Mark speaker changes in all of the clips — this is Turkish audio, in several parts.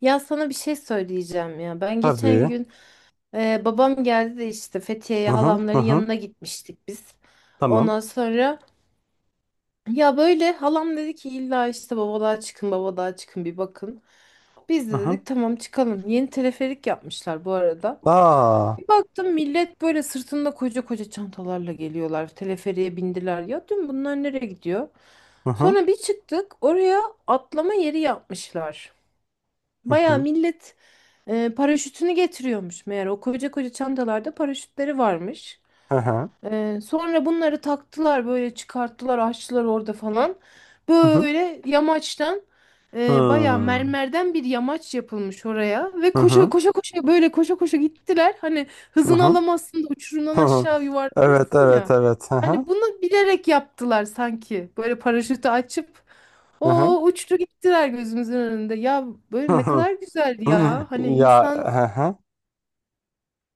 Speaker 1: Ya sana bir şey söyleyeceğim ya. Ben geçen
Speaker 2: Tabii.
Speaker 1: gün babam geldi de işte Fethiye'ye
Speaker 2: Hı hı hı
Speaker 1: halamların
Speaker 2: hı.
Speaker 1: yanına gitmiştik biz.
Speaker 2: Tamam.
Speaker 1: Ondan sonra ya böyle halam dedi ki illa işte babalığa çıkın babalığa çıkın bir bakın. Biz
Speaker 2: Hı
Speaker 1: de
Speaker 2: hı.
Speaker 1: dedik tamam çıkalım. Yeni teleferik yapmışlar bu arada.
Speaker 2: Aa.
Speaker 1: Bir baktım millet böyle sırtında koca koca çantalarla geliyorlar. Teleferiğe bindiler. Ya dün bunlar nereye gidiyor?
Speaker 2: Hı hı
Speaker 1: Sonra bir çıktık oraya atlama yeri yapmışlar.
Speaker 2: hı
Speaker 1: Baya
Speaker 2: hı.
Speaker 1: millet. Paraşütünü getiriyormuş meğer. O koca koca çantalarda paraşütleri varmış.
Speaker 2: Hı hı.
Speaker 1: Sonra bunları taktılar böyle çıkarttılar açtılar orada falan.
Speaker 2: Hı hı.
Speaker 1: Böyle yamaçtan bayağı
Speaker 2: Hmm.
Speaker 1: mermerden bir yamaç yapılmış oraya. Ve
Speaker 2: Hı
Speaker 1: koşa
Speaker 2: hı.
Speaker 1: koşa koşa böyle koşa koşa gittiler. Hani
Speaker 2: Hı
Speaker 1: hızını
Speaker 2: hı.
Speaker 1: alamazsın da uçurumdan
Speaker 2: Hı hı.
Speaker 1: aşağı
Speaker 2: Evet
Speaker 1: yuvarlanırsın
Speaker 2: evet
Speaker 1: ya.
Speaker 2: evet. Hı hı.
Speaker 1: Hani bunu bilerek yaptılar sanki. Böyle paraşütü açıp
Speaker 2: Hı hı.
Speaker 1: o uçtu gittiler gözümüzün önünde. Ya
Speaker 2: Hı
Speaker 1: böyle ne
Speaker 2: hı.
Speaker 1: kadar güzeldi ya. Hani
Speaker 2: Ya,
Speaker 1: insan.
Speaker 2: hı hı.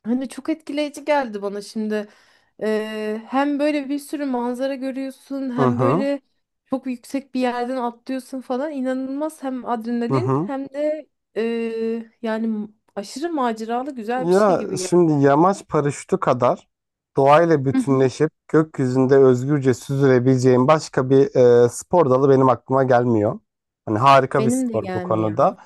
Speaker 1: Hani çok etkileyici geldi bana şimdi. Hem böyle bir sürü manzara görüyorsun,
Speaker 2: Hı
Speaker 1: hem
Speaker 2: hı.
Speaker 1: böyle çok yüksek bir yerden atlıyorsun falan. İnanılmaz hem
Speaker 2: Hı
Speaker 1: adrenalin
Speaker 2: hı.
Speaker 1: hem de yani aşırı maceralı güzel bir şey
Speaker 2: Ya
Speaker 1: gibi geldi.
Speaker 2: şimdi yamaç paraşütü kadar doğayla
Speaker 1: Hı hı.
Speaker 2: bütünleşip gökyüzünde özgürce süzülebileceğim başka bir spor dalı benim aklıma gelmiyor. Hani harika bir
Speaker 1: Benim de
Speaker 2: spor bu konuda.
Speaker 1: gelmiyor.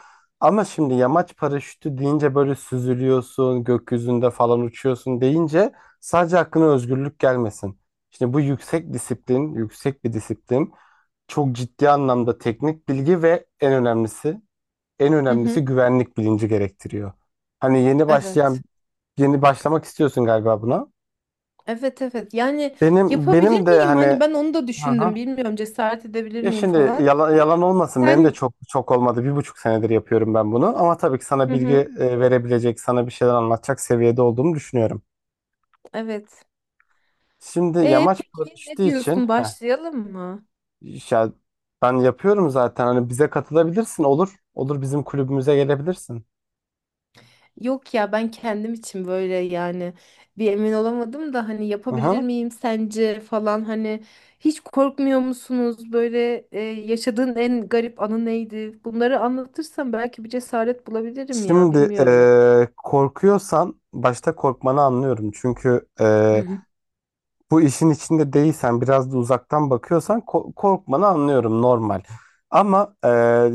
Speaker 2: Ama şimdi yamaç paraşütü deyince böyle süzülüyorsun, gökyüzünde falan uçuyorsun deyince sadece aklına özgürlük gelmesin. Şimdi bu yüksek disiplin, yüksek bir disiplin. Çok ciddi anlamda teknik bilgi ve en önemlisi, en
Speaker 1: Hı hı.
Speaker 2: önemlisi güvenlik bilinci gerektiriyor. Hani yeni başlayan.
Speaker 1: Evet.
Speaker 2: Yeni başlamak istiyorsun galiba buna.
Speaker 1: Evet evet. Yani
Speaker 2: Benim
Speaker 1: yapabilir
Speaker 2: benim de
Speaker 1: miyim? Hani
Speaker 2: hani.
Speaker 1: ben onu da
Speaker 2: Hı hı.
Speaker 1: düşündüm. Bilmiyorum cesaret edebilir
Speaker 2: Ya
Speaker 1: miyim
Speaker 2: şimdi
Speaker 1: falan.
Speaker 2: yalan olmasın, benim de
Speaker 1: Sen
Speaker 2: çok çok olmadı. 1,5 senedir yapıyorum ben bunu. Ama tabii ki sana
Speaker 1: hı
Speaker 2: bilgi
Speaker 1: hı.
Speaker 2: verebilecek, sana bir şeyler anlatacak seviyede olduğumu düşünüyorum.
Speaker 1: Evet.
Speaker 2: Şimdi
Speaker 1: E
Speaker 2: yamaç
Speaker 1: peki
Speaker 2: paraşütü
Speaker 1: ne
Speaker 2: için,
Speaker 1: diyorsun?
Speaker 2: heh,
Speaker 1: Başlayalım mı?
Speaker 2: ya ben yapıyorum zaten. Hani bize katılabilirsin, olur. Olur, bizim kulübümüze gelebilirsin.
Speaker 1: Yok ya ben kendim için böyle yani bir emin olamadım da hani
Speaker 2: Hı
Speaker 1: yapabilir
Speaker 2: hı.
Speaker 1: miyim sence falan hani hiç korkmuyor musunuz böyle yaşadığın en garip anı neydi? Bunları anlatırsam belki bir cesaret bulabilirim ya
Speaker 2: Şimdi
Speaker 1: bilmiyorum.
Speaker 2: korkuyorsan başta korkmanı anlıyorum. Çünkü
Speaker 1: Hı hı.
Speaker 2: bu işin içinde değilsen, biraz da uzaktan bakıyorsan korkmanı anlıyorum, normal. Ama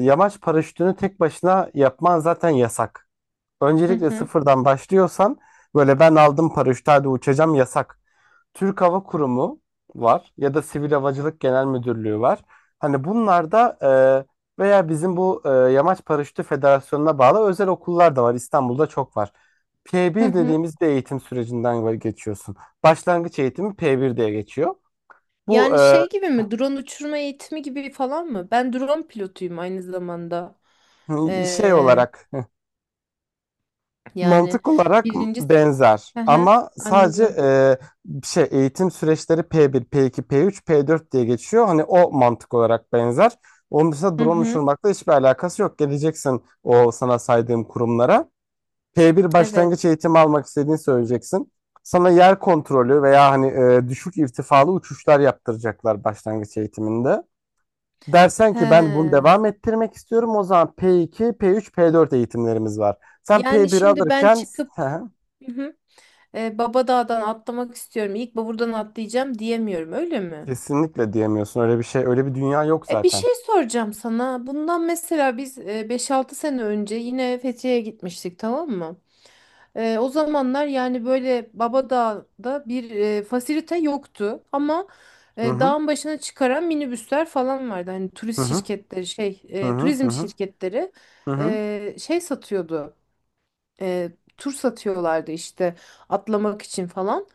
Speaker 2: yamaç paraşütünü tek başına yapman zaten yasak.
Speaker 1: Hı
Speaker 2: Öncelikle
Speaker 1: hı
Speaker 2: sıfırdan başlıyorsan böyle "ben aldım paraşütü, hadi uçacağım" yasak. Türk Hava Kurumu var ya da Sivil Havacılık Genel Müdürlüğü var. Hani bunlar da veya bizim bu Yamaç Paraşütü Federasyonu'na bağlı özel okullar da var. İstanbul'da çok var.
Speaker 1: hı
Speaker 2: P1
Speaker 1: hı.
Speaker 2: dediğimiz bir eğitim sürecinden geçiyorsun. Başlangıç eğitimi P1 diye geçiyor. Bu
Speaker 1: Yani şey gibi mi drone uçurma eğitimi gibi falan mı? Ben drone pilotuyum aynı zamanda.
Speaker 2: şey
Speaker 1: Ee,
Speaker 2: olarak,
Speaker 1: Yani
Speaker 2: mantık olarak
Speaker 1: birinci...
Speaker 2: benzer
Speaker 1: Hı hı,
Speaker 2: ama sadece
Speaker 1: anladım.
Speaker 2: şey, eğitim süreçleri P1, P2, P3, P4 diye geçiyor. Hani o mantık olarak benzer. Onun dışında
Speaker 1: Hı
Speaker 2: drone
Speaker 1: hı,
Speaker 2: uçurmakla hiçbir alakası yok. Geleceksin o sana saydığım kurumlara. P1 başlangıç
Speaker 1: evet.
Speaker 2: eğitimi almak istediğini söyleyeceksin. Sana yer kontrolü veya hani düşük irtifalı uçuşlar yaptıracaklar başlangıç eğitiminde. Dersen ki "ben bunu
Speaker 1: He.
Speaker 2: devam ettirmek istiyorum", o zaman P2, P3, P4 eğitimlerimiz var. Sen
Speaker 1: Yani
Speaker 2: P1
Speaker 1: şimdi ben
Speaker 2: alırken
Speaker 1: çıkıp hı hı, Baba Dağ'dan atlamak istiyorum. İlk buradan atlayacağım diyemiyorum, öyle mi?
Speaker 2: kesinlikle diyemiyorsun. Öyle bir şey, öyle bir dünya yok
Speaker 1: E bir
Speaker 2: zaten.
Speaker 1: şey soracağım sana. Bundan mesela biz 5-6 sene önce yine Fethiye'ye gitmiştik, tamam mı? E, o zamanlar yani böyle Baba Dağ'da bir fasilite yoktu ama
Speaker 2: Hı hı.
Speaker 1: dağın başına çıkaran minibüsler falan vardı. Hani
Speaker 2: Hı
Speaker 1: turist
Speaker 2: hı.
Speaker 1: şirketleri şey,
Speaker 2: Hı hı. Hı
Speaker 1: turizm
Speaker 2: hı.
Speaker 1: şirketleri
Speaker 2: Hı hı.
Speaker 1: şey satıyordu. e, Tur satıyorlardı işte atlamak için falan.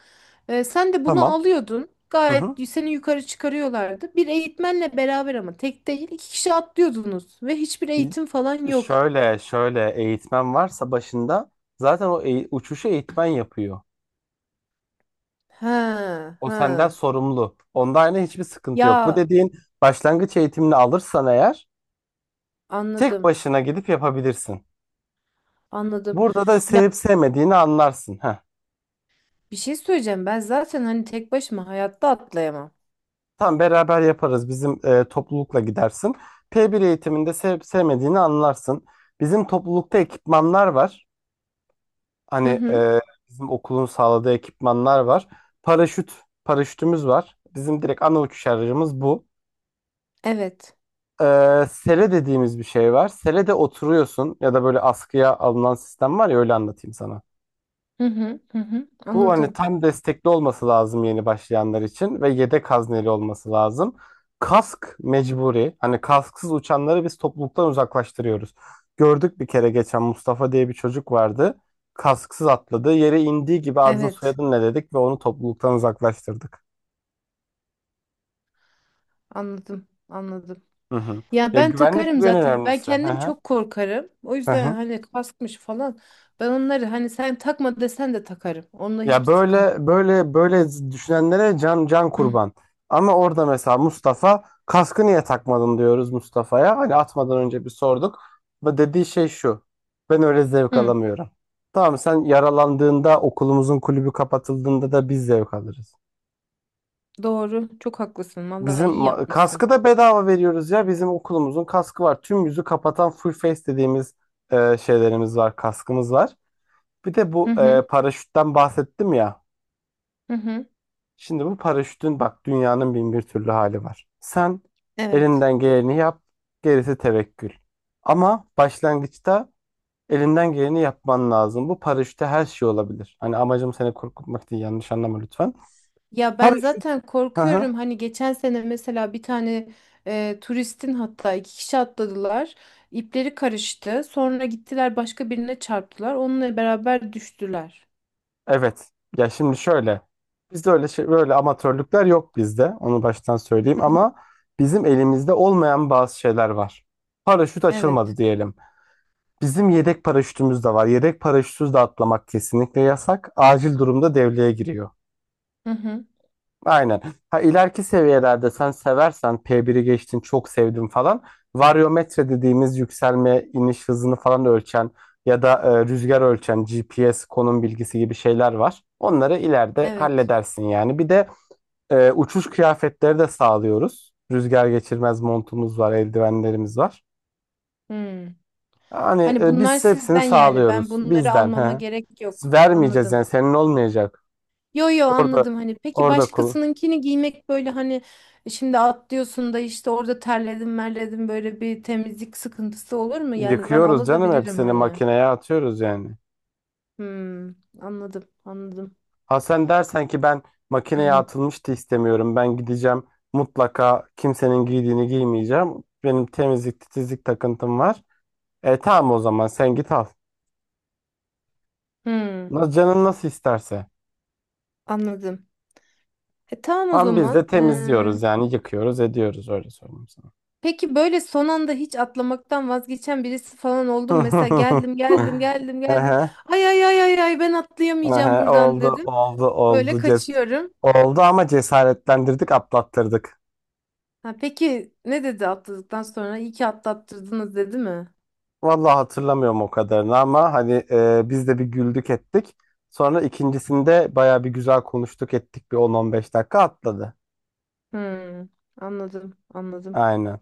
Speaker 1: E, sen de bunu
Speaker 2: Tamam.
Speaker 1: alıyordun.
Speaker 2: Hı
Speaker 1: Gayet
Speaker 2: hı.
Speaker 1: seni yukarı çıkarıyorlardı. Bir eğitmenle beraber ama tek değil iki kişi atlıyordunuz ve hiçbir eğitim falan yok.
Speaker 2: Şöyle, eğitmen varsa başında zaten o uçuşu eğitmen yapıyor.
Speaker 1: Ha
Speaker 2: O senden
Speaker 1: ha.
Speaker 2: sorumlu. Onda aynı hiçbir sıkıntı yok. Bu
Speaker 1: Ya
Speaker 2: dediğin başlangıç eğitimini alırsan eğer, tek
Speaker 1: anladım,
Speaker 2: başına gidip yapabilirsin.
Speaker 1: anladım.
Speaker 2: Burada da
Speaker 1: Ya
Speaker 2: sevip sevmediğini anlarsın. Heh.
Speaker 1: bir şey söyleyeceğim. Ben zaten hani tek başıma hayatta atlayamam.
Speaker 2: Tam beraber yaparız. Bizim toplulukla gidersin. P1 eğitiminde sevip sevmediğini anlarsın. Bizim toplulukta ekipmanlar var. Hani
Speaker 1: Hı hı.
Speaker 2: bizim okulun sağladığı ekipmanlar var. Paraşüt, paraşütümüz var. Bizim direkt ana uçuş aracımız bu.
Speaker 1: Evet.
Speaker 2: E, sele dediğimiz bir şey var. Sele de oturuyorsun ya da böyle askıya alınan sistem var ya, öyle anlatayım sana.
Speaker 1: Hı hı. Hı hı.
Speaker 2: Bu, hani,
Speaker 1: Anladım.
Speaker 2: tam destekli olması lazım yeni başlayanlar için ve yedek hazneli olması lazım. Kask mecburi. Hani kasksız uçanları biz topluluktan uzaklaştırıyoruz. Gördük, bir kere geçen Mustafa diye bir çocuk vardı. Kasksız atladı. Yere indiği gibi "adın
Speaker 1: Evet.
Speaker 2: soyadın ne?" dedik ve onu topluluktan uzaklaştırdık.
Speaker 1: Anladım. Anladım.
Speaker 2: Hı hı.
Speaker 1: Ya
Speaker 2: Ya
Speaker 1: ben
Speaker 2: güvenlik
Speaker 1: takarım
Speaker 2: bu, en
Speaker 1: zaten. Ben
Speaker 2: önemlisi. Hı
Speaker 1: kendim
Speaker 2: hı.
Speaker 1: çok korkarım. O
Speaker 2: Hı
Speaker 1: yüzden
Speaker 2: hı.
Speaker 1: hani kaskmış falan. Ben onları hani sen takma desen de takarım. Onunla
Speaker 2: Ya,
Speaker 1: hiçbir sıkıntı
Speaker 2: böyle
Speaker 1: yok.
Speaker 2: böyle böyle düşünenlere can can kurban. Ama orada mesela Mustafa, kaskı niye takmadın diyoruz Mustafa'ya. Hani atmadan önce bir sorduk. Ve dediği şey şu: ben öyle zevk
Speaker 1: Hı,
Speaker 2: alamıyorum. Tamam, sen yaralandığında, okulumuzun kulübü kapatıldığında da biz zevk alırız.
Speaker 1: doğru. Çok haklısın. Vallahi
Speaker 2: Bizim
Speaker 1: iyi yapmışsın.
Speaker 2: kaskı da bedava veriyoruz ya. Bizim okulumuzun kaskı var. Tüm yüzü kapatan, full face dediğimiz şeylerimiz var, kaskımız var. Bir de
Speaker 1: Hı
Speaker 2: bu
Speaker 1: hı.
Speaker 2: paraşütten bahsettim ya.
Speaker 1: Hı hı.
Speaker 2: Şimdi bu paraşütün, bak, dünyanın bin bir türlü hali var. Sen
Speaker 1: Evet.
Speaker 2: elinden geleni yap, gerisi tevekkül. Ama başlangıçta elinden geleni yapman lazım. Bu paraşütte her şey olabilir. Hani amacım seni korkutmak değil, yanlış anlama lütfen.
Speaker 1: Ya ben
Speaker 2: Paraşüt.
Speaker 1: zaten
Speaker 2: Hı hı.
Speaker 1: korkuyorum. Hani geçen sene mesela bir tane turistin hatta iki kişi atladılar. İpleri karıştı. Sonra gittiler başka birine çarptılar. Onunla beraber düştüler.
Speaker 2: Evet. Ya şimdi şöyle. Bizde öyle şey, böyle amatörlükler yok bizde. Onu baştan söyleyeyim, ama bizim elimizde olmayan bazı şeyler var. Paraşüt açılmadı
Speaker 1: Evet.
Speaker 2: diyelim. Bizim yedek paraşütümüz de var. Yedek paraşütsüz de atlamak kesinlikle yasak. Acil durumda devreye giriyor.
Speaker 1: Hı hı.
Speaker 2: Aynen. Ha, ileriki seviyelerde, sen seversen, P1'i geçtin, çok sevdim falan. Varyometre dediğimiz yükselme iniş hızını falan ölçen, ya da rüzgar ölçen GPS konum bilgisi gibi şeyler var. Onları ileride
Speaker 1: Evet.
Speaker 2: halledersin yani. Bir de uçuş kıyafetleri de sağlıyoruz. Rüzgar geçirmez montumuz var, eldivenlerimiz var.
Speaker 1: Hı.
Speaker 2: Yani
Speaker 1: Hani bunlar
Speaker 2: biz hepsini
Speaker 1: sizden yani ben
Speaker 2: sağlıyoruz
Speaker 1: bunları
Speaker 2: bizden.
Speaker 1: almama
Speaker 2: He.
Speaker 1: gerek yok.
Speaker 2: Vermeyeceğiz
Speaker 1: Anladım.
Speaker 2: yani, senin olmayacak.
Speaker 1: Yo yo
Speaker 2: Orada
Speaker 1: anladım hani peki
Speaker 2: orada
Speaker 1: başkasınınkini giymek böyle hani şimdi atlıyorsun da işte orada terledim merledim böyle bir temizlik sıkıntısı olur mu? Yani ben
Speaker 2: yıkıyoruz canım,
Speaker 1: alabilirim
Speaker 2: hepsini
Speaker 1: hani.
Speaker 2: makineye atıyoruz yani.
Speaker 1: Hmm, anladım anladım.
Speaker 2: Ha, sen dersen ki ben makineye atılmıştı istemiyorum. Ben gideceğim, mutlaka kimsenin giydiğini giymeyeceğim. Benim temizlik titizlik takıntım var. E tamam, o zaman sen git al.
Speaker 1: Hmm,
Speaker 2: Canın nasıl isterse.
Speaker 1: anladım. E tamam o
Speaker 2: Ama biz de
Speaker 1: zaman.
Speaker 2: temizliyoruz yani, yıkıyoruz ediyoruz, öyle söyleyeyim sana.
Speaker 1: Peki böyle son anda hiç atlamaktan vazgeçen birisi falan oldu mu? Mesela geldim geldim geldim geldim.
Speaker 2: Ehe.
Speaker 1: Ay ay ay ay ay ben
Speaker 2: Aha,
Speaker 1: atlayamayacağım buradan
Speaker 2: oldu
Speaker 1: dedim.
Speaker 2: oldu
Speaker 1: Böyle
Speaker 2: oldu
Speaker 1: kaçıyorum.
Speaker 2: oldu, ama cesaretlendirdik, atlattırdık.
Speaker 1: Ha, peki ne dedi atladıktan sonra? İyi ki atlattırdınız dedi mi?
Speaker 2: Vallahi hatırlamıyorum o kadarını, ama hani biz de bir güldük ettik. Sonra ikincisinde baya bir güzel konuştuk ettik, bir 10-15 dakika, atladı.
Speaker 1: Hmm, anladım anladım.
Speaker 2: Aynen.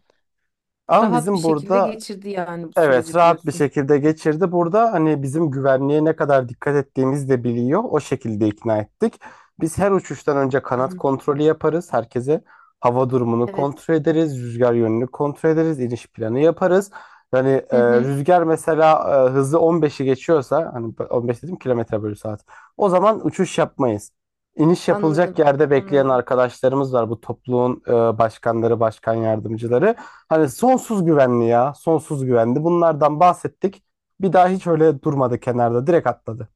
Speaker 2: Ama
Speaker 1: Rahat bir
Speaker 2: bizim
Speaker 1: şekilde
Speaker 2: burada.
Speaker 1: geçirdi yani bu
Speaker 2: Evet,
Speaker 1: süreci
Speaker 2: rahat bir
Speaker 1: diyorsun.
Speaker 2: şekilde geçirdi. Burada hani bizim güvenliğe ne kadar dikkat ettiğimiz de biliyor. O şekilde ikna ettik. Biz her uçuştan önce kanat kontrolü yaparız. Herkese hava durumunu
Speaker 1: Evet.
Speaker 2: kontrol ederiz, rüzgar yönünü kontrol ederiz, iniş planı yaparız. Yani
Speaker 1: Hı hı,
Speaker 2: rüzgar mesela hızı 15'i geçiyorsa, hani 15 dedim, kilometre bölü saat. O zaman uçuş yapmayız. İniş yapılacak
Speaker 1: anladım
Speaker 2: yerde bekleyen
Speaker 1: anladım.
Speaker 2: arkadaşlarımız var. Bu topluluğun başkanları, başkan yardımcıları. Hani sonsuz güvenli ya, sonsuz güvenli. Bunlardan bahsettik. Bir daha hiç öyle durmadı kenarda, direkt atladı.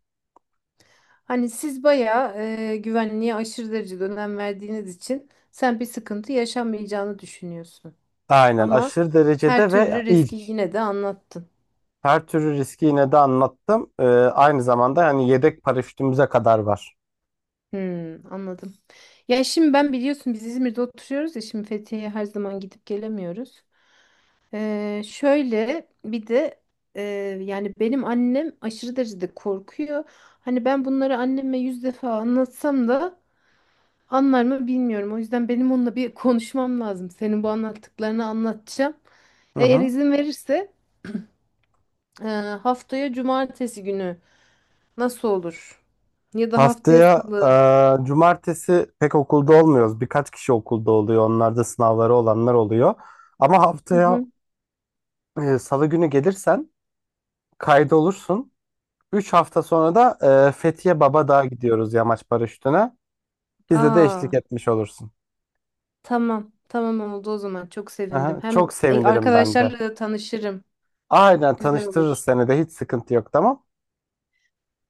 Speaker 1: Hani siz bayağı güvenliğe aşırı derecede önem verdiğiniz için sen bir sıkıntı yaşanmayacağını düşünüyorsun.
Speaker 2: Aynen,
Speaker 1: Ama
Speaker 2: aşırı
Speaker 1: her
Speaker 2: derecede ve
Speaker 1: türlü
Speaker 2: ilk.
Speaker 1: riski yine de anlattın.
Speaker 2: Her türlü riski yine de anlattım. Aynı zamanda hani yedek paraşütümüze kadar var.
Speaker 1: Hmm, anladım. Ya şimdi ben biliyorsun biz İzmir'de oturuyoruz ya şimdi Fethiye'ye her zaman gidip gelemiyoruz. Şöyle bir de e, yani benim annem aşırı derecede korkuyor. Hani ben bunları anneme 100 defa anlatsam da anlar mı bilmiyorum. O yüzden benim onunla bir konuşmam lazım. Senin bu anlattıklarını anlatacağım.
Speaker 2: Hı
Speaker 1: Eğer
Speaker 2: hı.
Speaker 1: izin verirse e, haftaya cumartesi günü. Nasıl olur? Ya da haftaya
Speaker 2: Haftaya
Speaker 1: salı.
Speaker 2: cumartesi pek okulda olmuyoruz. Birkaç kişi okulda oluyor. Onlar da sınavları olanlar oluyor. Ama
Speaker 1: Hı
Speaker 2: haftaya
Speaker 1: hı.
Speaker 2: salı günü gelirsen, kaydolursun. 3 hafta sonra da Fethiye Babadağ'a gidiyoruz, yamaç paraşütüne. Bize de eşlik
Speaker 1: Aa,
Speaker 2: etmiş olursun.
Speaker 1: tamam. Tamam oldu o zaman. Çok sevindim.
Speaker 2: Aha, çok
Speaker 1: Hem
Speaker 2: sevinirim ben de.
Speaker 1: arkadaşlarla da tanışırım.
Speaker 2: Aynen,
Speaker 1: Güzel
Speaker 2: tanıştırırız
Speaker 1: olur.
Speaker 2: seni de, hiç sıkıntı yok, tamam.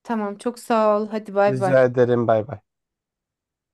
Speaker 1: Tamam, çok sağ ol. Hadi bay bay.
Speaker 2: Rica ederim, bay bay.